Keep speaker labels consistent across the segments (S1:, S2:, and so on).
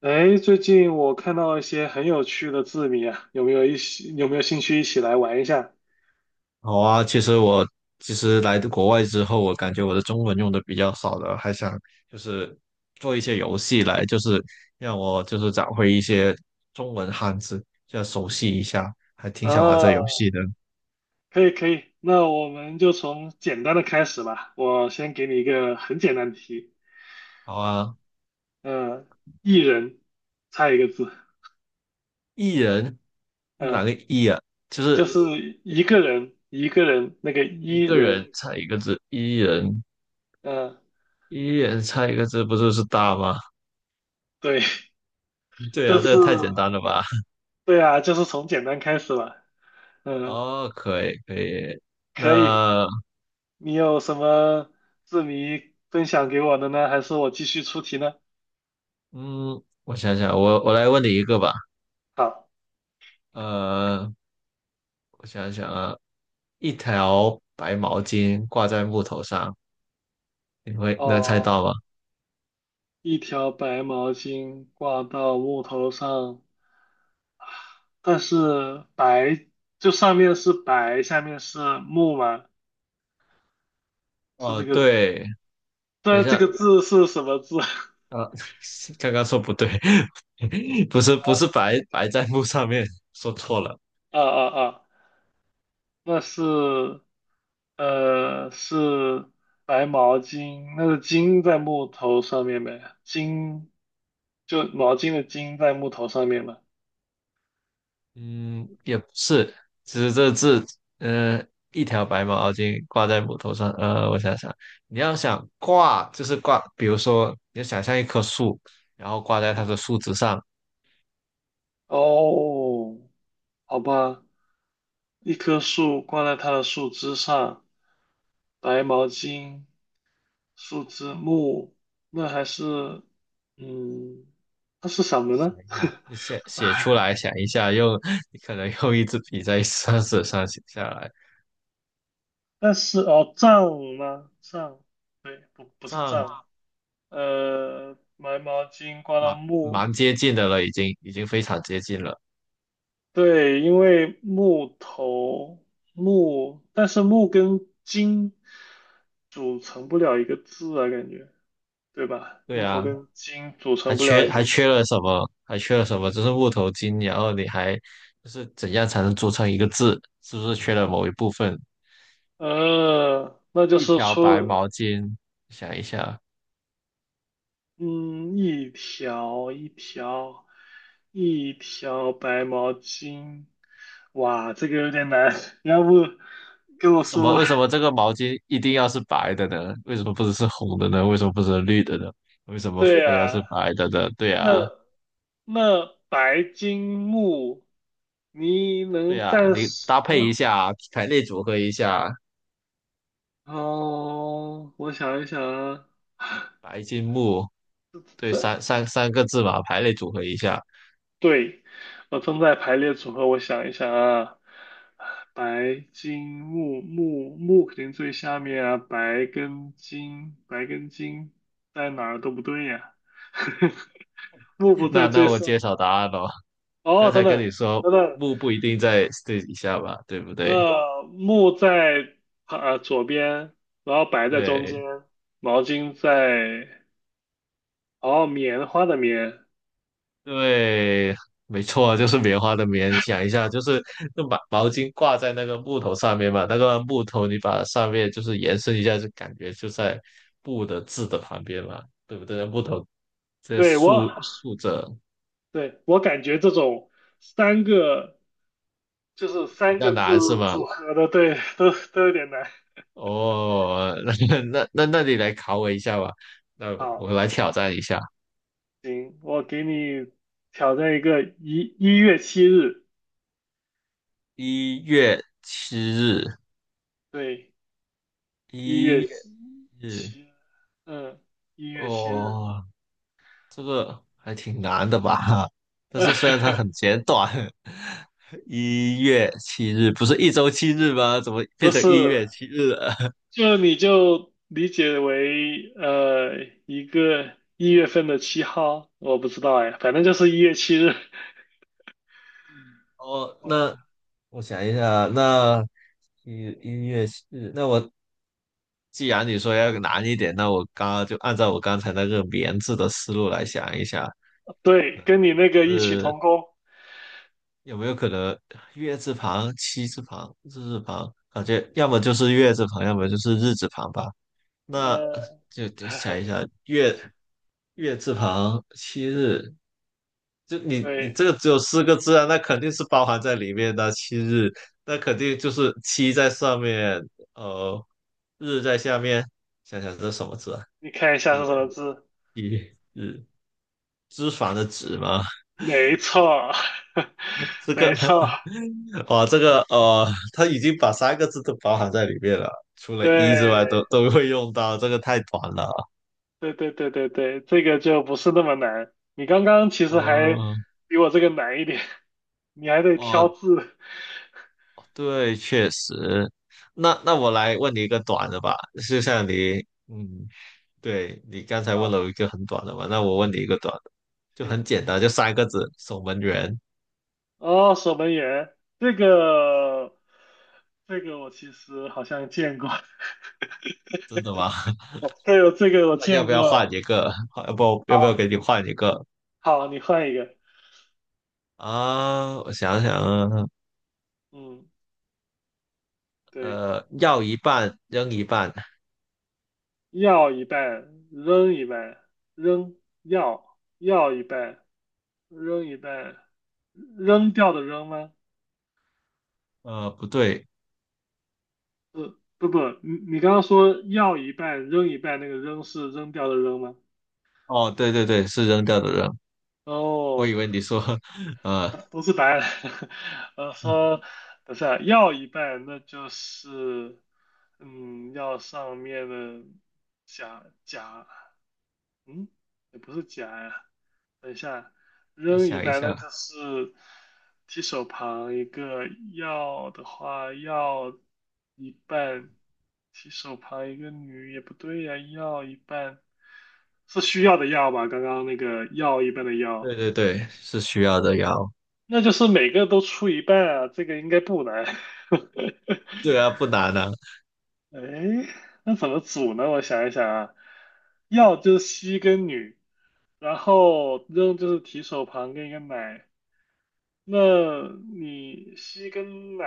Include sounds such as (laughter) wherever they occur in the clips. S1: 哎，最近我看到一些很有趣的字谜啊，有没有兴趣一起来玩一下？
S2: 好啊，其实来国外之后，我感觉我的中文用的比较少了，还想就是做一些游戏来，就是让我就是找回一些中文汉字，就要熟悉一下，还挺想玩这游
S1: 啊，
S2: 戏的。
S1: 可以可以，那我们就从简单的开始吧。我先给你一个很简单的题，
S2: 好啊，
S1: 嗯、一人猜一个字，
S2: 一人，
S1: 嗯、
S2: 哪个一啊？就
S1: 就
S2: 是
S1: 是一个人一个人那个
S2: 一
S1: 一
S2: 个人
S1: 人，
S2: 猜一个字，一人，
S1: 嗯、
S2: 一人猜一个字，不就是大吗？
S1: 对，
S2: (laughs)
S1: (laughs)
S2: 对
S1: 这
S2: 啊，这
S1: 是
S2: 个太简单了吧？
S1: 对啊，就是从简单开始吧。
S2: (laughs)
S1: 嗯、
S2: 哦，可以可以，
S1: 可以，
S2: 那
S1: 你有什么字谜分享给我的呢？还是我继续出题呢？
S2: 嗯，我想想，我来问你一个吧。
S1: 好，
S2: 呃，我想想啊，一条白毛巾挂在木头上，你会能猜到
S1: 哦，
S2: 吗？
S1: 一条白毛巾挂到木头上，但是白就上面是白，下面是木嘛，是
S2: 哦，
S1: 这个，
S2: 对，等一
S1: 但这个
S2: 下，
S1: 字是什么字？(laughs)
S2: 呃，(laughs) 刚刚说不对，(laughs) 不是不是白在木上面，说错了，
S1: 啊啊啊，那是，是白毛巾，那个巾在木头上面呗，就毛巾的巾在木头上面嘛。
S2: 嗯，也不是，其实这字，呃，一条白毛巾挂在木头上，我想想，你要想挂就是挂，比如说你要想象一棵树，然后挂在它
S1: 嗯，
S2: 的树枝上，
S1: 哦，好吧。一棵树挂在它的树枝上，白毛巾、树枝木，那还是，嗯，它是什么
S2: 想
S1: 呢？
S2: 一下，写写出
S1: 哎，
S2: 来，想一下，你可能用一支笔在沙纸上写下来，
S1: 但是哦，杖吗？杖，对，不，不
S2: 这
S1: 是
S2: 样
S1: 杖，白毛巾挂到
S2: 蛮
S1: 木，
S2: 蛮接近的了，已经非常接近了。
S1: 对，因为木头木，但是木跟筋组成不了一个字啊，感觉，对吧？
S2: 对
S1: 木头
S2: 啊，
S1: 跟筋组成不了一
S2: 还
S1: 个。
S2: 缺了什么？还缺了什么？就是木头筋，然后你还就是怎样才能组成一个字？是不是缺了某一部分？
S1: 那就
S2: 一
S1: 是
S2: 条白
S1: 出，
S2: 毛巾，想一下，
S1: 嗯，一条一条一条白毛巾，哇，这个有点难，(laughs) 要不跟我说吧？
S2: 为什么这个毛巾一定要是白的呢？为什么不是红的呢？为什么不是绿的呢？为什
S1: (laughs)
S2: 么
S1: 对
S2: 非要是
S1: 呀，
S2: 白的呢？对
S1: 那
S2: 啊。
S1: 那白金木，你
S2: 对
S1: 能
S2: 呀，
S1: 暂
S2: 你
S1: 时？
S2: 搭配一下，排列组合一下，
S1: 哦，我想一想啊，
S2: 白金木，
S1: (laughs)
S2: 对，
S1: 这
S2: 三个字嘛，排列组合一下。
S1: 对，我正在排列组合，我想一想啊，白金木肯定最下面啊，白跟金在哪儿都不对呀、(laughs) 木不
S2: (laughs)
S1: 在
S2: 那
S1: 最
S2: 我
S1: 上，
S2: 揭晓答案咯。我
S1: 哦，
S2: 刚
S1: 等
S2: 才跟你
S1: 等
S2: 说
S1: 等等，
S2: 木不一定在最底下吧，对不对？
S1: 木在左边，然后白在中
S2: 对
S1: 间，毛巾在，哦，棉花的棉，
S2: 对，没错啊，就是棉花的棉。想一下，就是那把毛巾挂在那个木头上面嘛，那个木头你把上面就是延伸一下，就感觉就在布的字的旁边嘛，对不对？木头这
S1: 对我，
S2: 竖着
S1: 对我感觉这种三个。就是
S2: 比
S1: 三
S2: 较
S1: 个字
S2: 难是吗？
S1: 组合的，对，都有点难。
S2: 哦，(laughs) 那你来考我一下吧，那我
S1: 好，
S2: 来挑战一下。
S1: 行，我给你挑战一个一月七日，
S2: 一月七日，
S1: 对，一
S2: 一
S1: 月
S2: 月
S1: 七
S2: 日，
S1: 嗯，一月七日，
S2: 哦，这个还挺难的吧？但是虽然它很
S1: (laughs)
S2: 简短。(laughs) 一月七日不是一周七日吗？怎么
S1: 不
S2: 变成
S1: 是，
S2: 一月七日了？
S1: 你就理解为一个1月份的7号，我不知道哎，反正就是一月七日。
S2: (laughs) 哦，那
S1: 哦，
S2: 我想一下，那一一月七日，那我既然你说要难一点，那我刚刚就按照我刚才那个棉字的思路来想一下，
S1: 对，跟你那个异曲
S2: 是
S1: 同工。
S2: 有没有可能月字旁、七字旁、日字旁，感觉要么就是月字旁，要么就是日字旁吧？那
S1: 呃，
S2: 就想
S1: (laughs)
S2: 一下月字旁、七日，就你
S1: 对，
S2: 这个只有四个字啊，那肯定是包含在里面的七日，那肯定就是七在上面，呃，日在下面。想想这是什么字啊？
S1: 你看一下
S2: 月。
S1: 是什么字？
S2: 一脂脂肪的脂吗？
S1: 没错，(laughs)
S2: 这个
S1: 没
S2: (laughs)
S1: 错，
S2: 哇，这个他已经把三个字都包含在里面了，除了一之外都
S1: 对，
S2: 都会用到，这个太短了。
S1: 对对对对对，这个就不是那么难。你刚刚其实还
S2: 呃，
S1: 比我这个难一点，你还得挑
S2: 哦，
S1: 字
S2: 对，确实。那我来问你一个短的吧，就像你，嗯，对，你刚才问了我
S1: 啊。
S2: 一个很短的嘛，那我问你一个短的，就
S1: 行，
S2: 很简单，就三个字，守门员。
S1: 哦，守门员，这个，我其实好像见过，
S2: 真的吗？(laughs)
S1: (laughs) 对，这个我
S2: 那要
S1: 见
S2: 不要换
S1: 过。
S2: 一个？要不
S1: 好，
S2: 要不要给你换一个
S1: 好，你换一个，
S2: 啊？我想想啊，
S1: 嗯，对。
S2: 要一半扔一半，
S1: 要一半，扔一半，扔要一半，扔一半，扔掉的扔吗？
S2: 不对，
S1: 不不，你刚刚说要一半，扔一半，那个扔是扔掉的扔吗？
S2: 哦，对对对，是扔掉的扔，我以
S1: 哦，
S2: 为你说，(laughs) 呃，
S1: 不是白。案。(laughs) 呃，
S2: 嗯
S1: 说不是啊，要一半，那就是要上面的甲嗯，也不是夹呀。等一下，
S2: 再
S1: 扔一
S2: 想一
S1: 半，那
S2: 下，
S1: 就是提手旁一个要的话，要一半，提手旁一个女也不对呀，要一半是需要的要吧？刚刚那个要一半的
S2: 对
S1: 要，
S2: 对对，是需要的要，
S1: 那就是每个都出一半啊，这个应该不难。
S2: 对啊，不难啊，
S1: (laughs) 哎，那怎么组呢？我想一想啊，要就是西跟女，然后扔就是提手旁跟一个奶，那你吸跟奶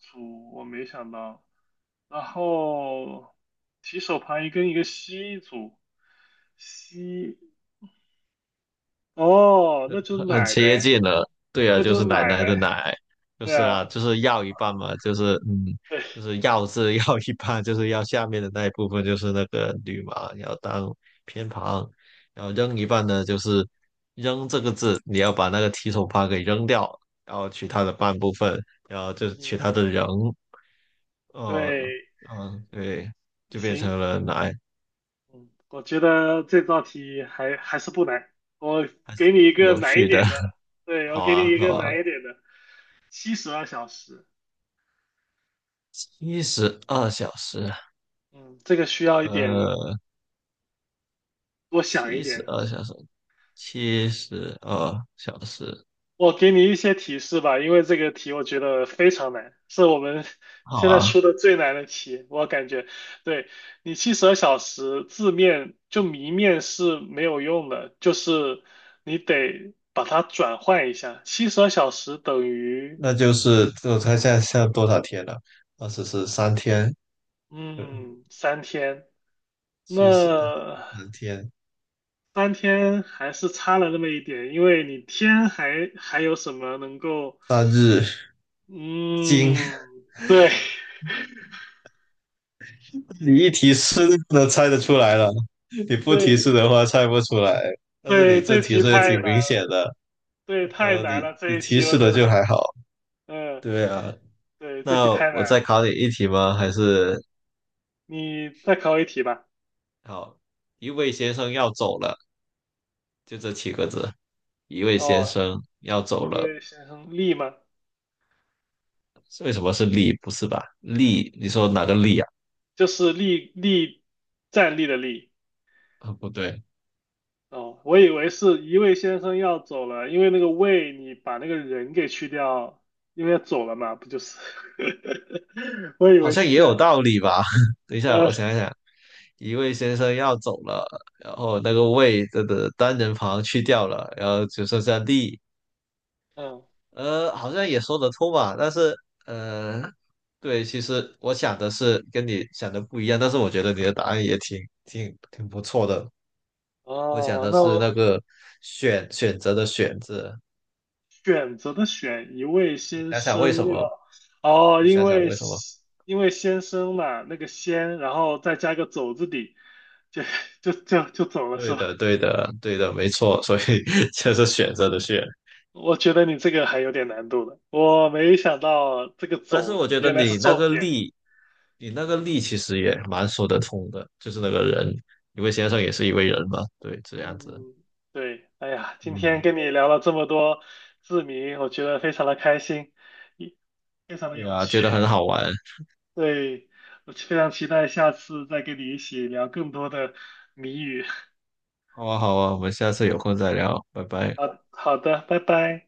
S1: 组我没想到，然后提手旁一跟一个吸组，吸，哦，那就是
S2: 很
S1: 奶呗，
S2: 接近了，对啊，
S1: 那
S2: 就
S1: 就是
S2: 是
S1: 奶
S2: 奶奶的
S1: 呗，
S2: 奶，就
S1: 对
S2: 是
S1: 啊，
S2: 啊，就是要一半嘛，就是嗯，
S1: 对，
S2: 就是要字要一半，就是要下面的那一部分就是那个女嘛，要当偏旁，然后扔一半呢，就是扔这个字，你要把那个提手旁给扔掉，然后取它的半部分，然后就是取
S1: 嗯，
S2: 它的人，呃，
S1: 对，
S2: 嗯，对，就变
S1: 行，
S2: 成了奶，
S1: 嗯，我觉得这道题还是不难，我给你一个
S2: 有
S1: 难一
S2: 趣的，
S1: 点的，
S2: (laughs)
S1: 对，我
S2: 好
S1: 给你
S2: 啊，
S1: 一个
S2: 好啊，
S1: 难一点的，七十二小时，
S2: 72小时。
S1: 嗯，这个需要一点
S2: 呃，
S1: 多想一
S2: 七十
S1: 点。
S2: 二小时，七十二小时，
S1: 我给你一些提示吧，因为这个题我觉得非常难，是我们 (laughs)
S2: 好
S1: 现在
S2: 啊，
S1: 出的最难的题，我感觉。对，你七十二小时字面就谜面是没有用的，就是你得把它转换一下。七十二小时等于
S2: 那就是我猜现在多少天了？二十四三天，呃，
S1: 嗯三天，
S2: 七十
S1: 那
S2: 三天，
S1: 三天还是差了那么一点，因为你天还有什么能够
S2: 三日今。
S1: 嗯
S2: (laughs)
S1: 对。(laughs)
S2: 你一提示都猜得出来了，你不提示
S1: 对，
S2: 的话猜不出来。
S1: (laughs)
S2: 但是
S1: 对，
S2: 你这
S1: 这
S2: 提
S1: 题
S2: 示也
S1: 太
S2: 挺
S1: 难
S2: 明显
S1: 了，
S2: 的，
S1: 对，太难
S2: 你
S1: 了，这
S2: 你
S1: 一
S2: 提
S1: 题我
S2: 示
S1: 觉
S2: 的
S1: 得，
S2: 就还好。
S1: 嗯，
S2: 对啊，
S1: 对，这题
S2: 那
S1: 太难
S2: 我再
S1: 了。
S2: 考你一题吗？还是
S1: 你再考一题吧。
S2: 好，一位先生要走了，就这七个字，一位先
S1: 哦，
S2: 生要走
S1: 一
S2: 了。
S1: 位先生力吗？
S2: 是为什么是力不是吧？力，你说哪个力啊？
S1: 就是力站立的立。
S2: 啊，不对，
S1: 哦，我以为是一位先生要走了，因为那个位你把那个人给去掉，因为要走了嘛，不就是？(laughs) 我以
S2: 好
S1: 为
S2: 像
S1: 是
S2: 也
S1: 这
S2: 有
S1: 样。
S2: 道理吧？(laughs) 等一下，
S1: 呃，
S2: 我想一想，一位先生要走了，然后那个位的单人旁去掉了，然后只剩下力。
S1: 嗯，
S2: 好像也说得通吧？但是，呃，对，其实我想的是跟你想的不一样，但是我觉得你的答案也挺不错的。我想
S1: 哦，
S2: 的
S1: 那
S2: 是那
S1: 我。
S2: 个选择的选字，
S1: 选择的选一位
S2: 你
S1: 先
S2: 想想为
S1: 生那
S2: 什么？
S1: 个哦，
S2: 你
S1: 因
S2: 想想
S1: 为
S2: 为什么？
S1: 因为先生嘛，那个先，然后再加个走字底，就就走了是
S2: 对
S1: 吧？
S2: 的，对的，对的，没错，所以 (laughs) 就是选择的选。
S1: (laughs) 我觉得你这个还有点难度的，我没想到这个
S2: 但是
S1: 走
S2: 我觉得
S1: 原来是
S2: 你那
S1: 重
S2: 个
S1: 点。
S2: 力，你那个力其实也蛮说得通的，就是那个人，一位先生
S1: 嗯
S2: 也是一位人嘛，对，这样子，
S1: 嗯，对，哎呀，今天
S2: 嗯，
S1: 跟你聊了这么多字谜，我觉得非常的开心，也非常的
S2: 对
S1: 有
S2: 啊，觉
S1: 趣。
S2: 得很好玩，
S1: 对，我非常期待下次再跟你一起聊更多的谜语。(laughs)
S2: 好啊，好啊，我们下次有空再聊，拜拜。
S1: 好好的，拜拜。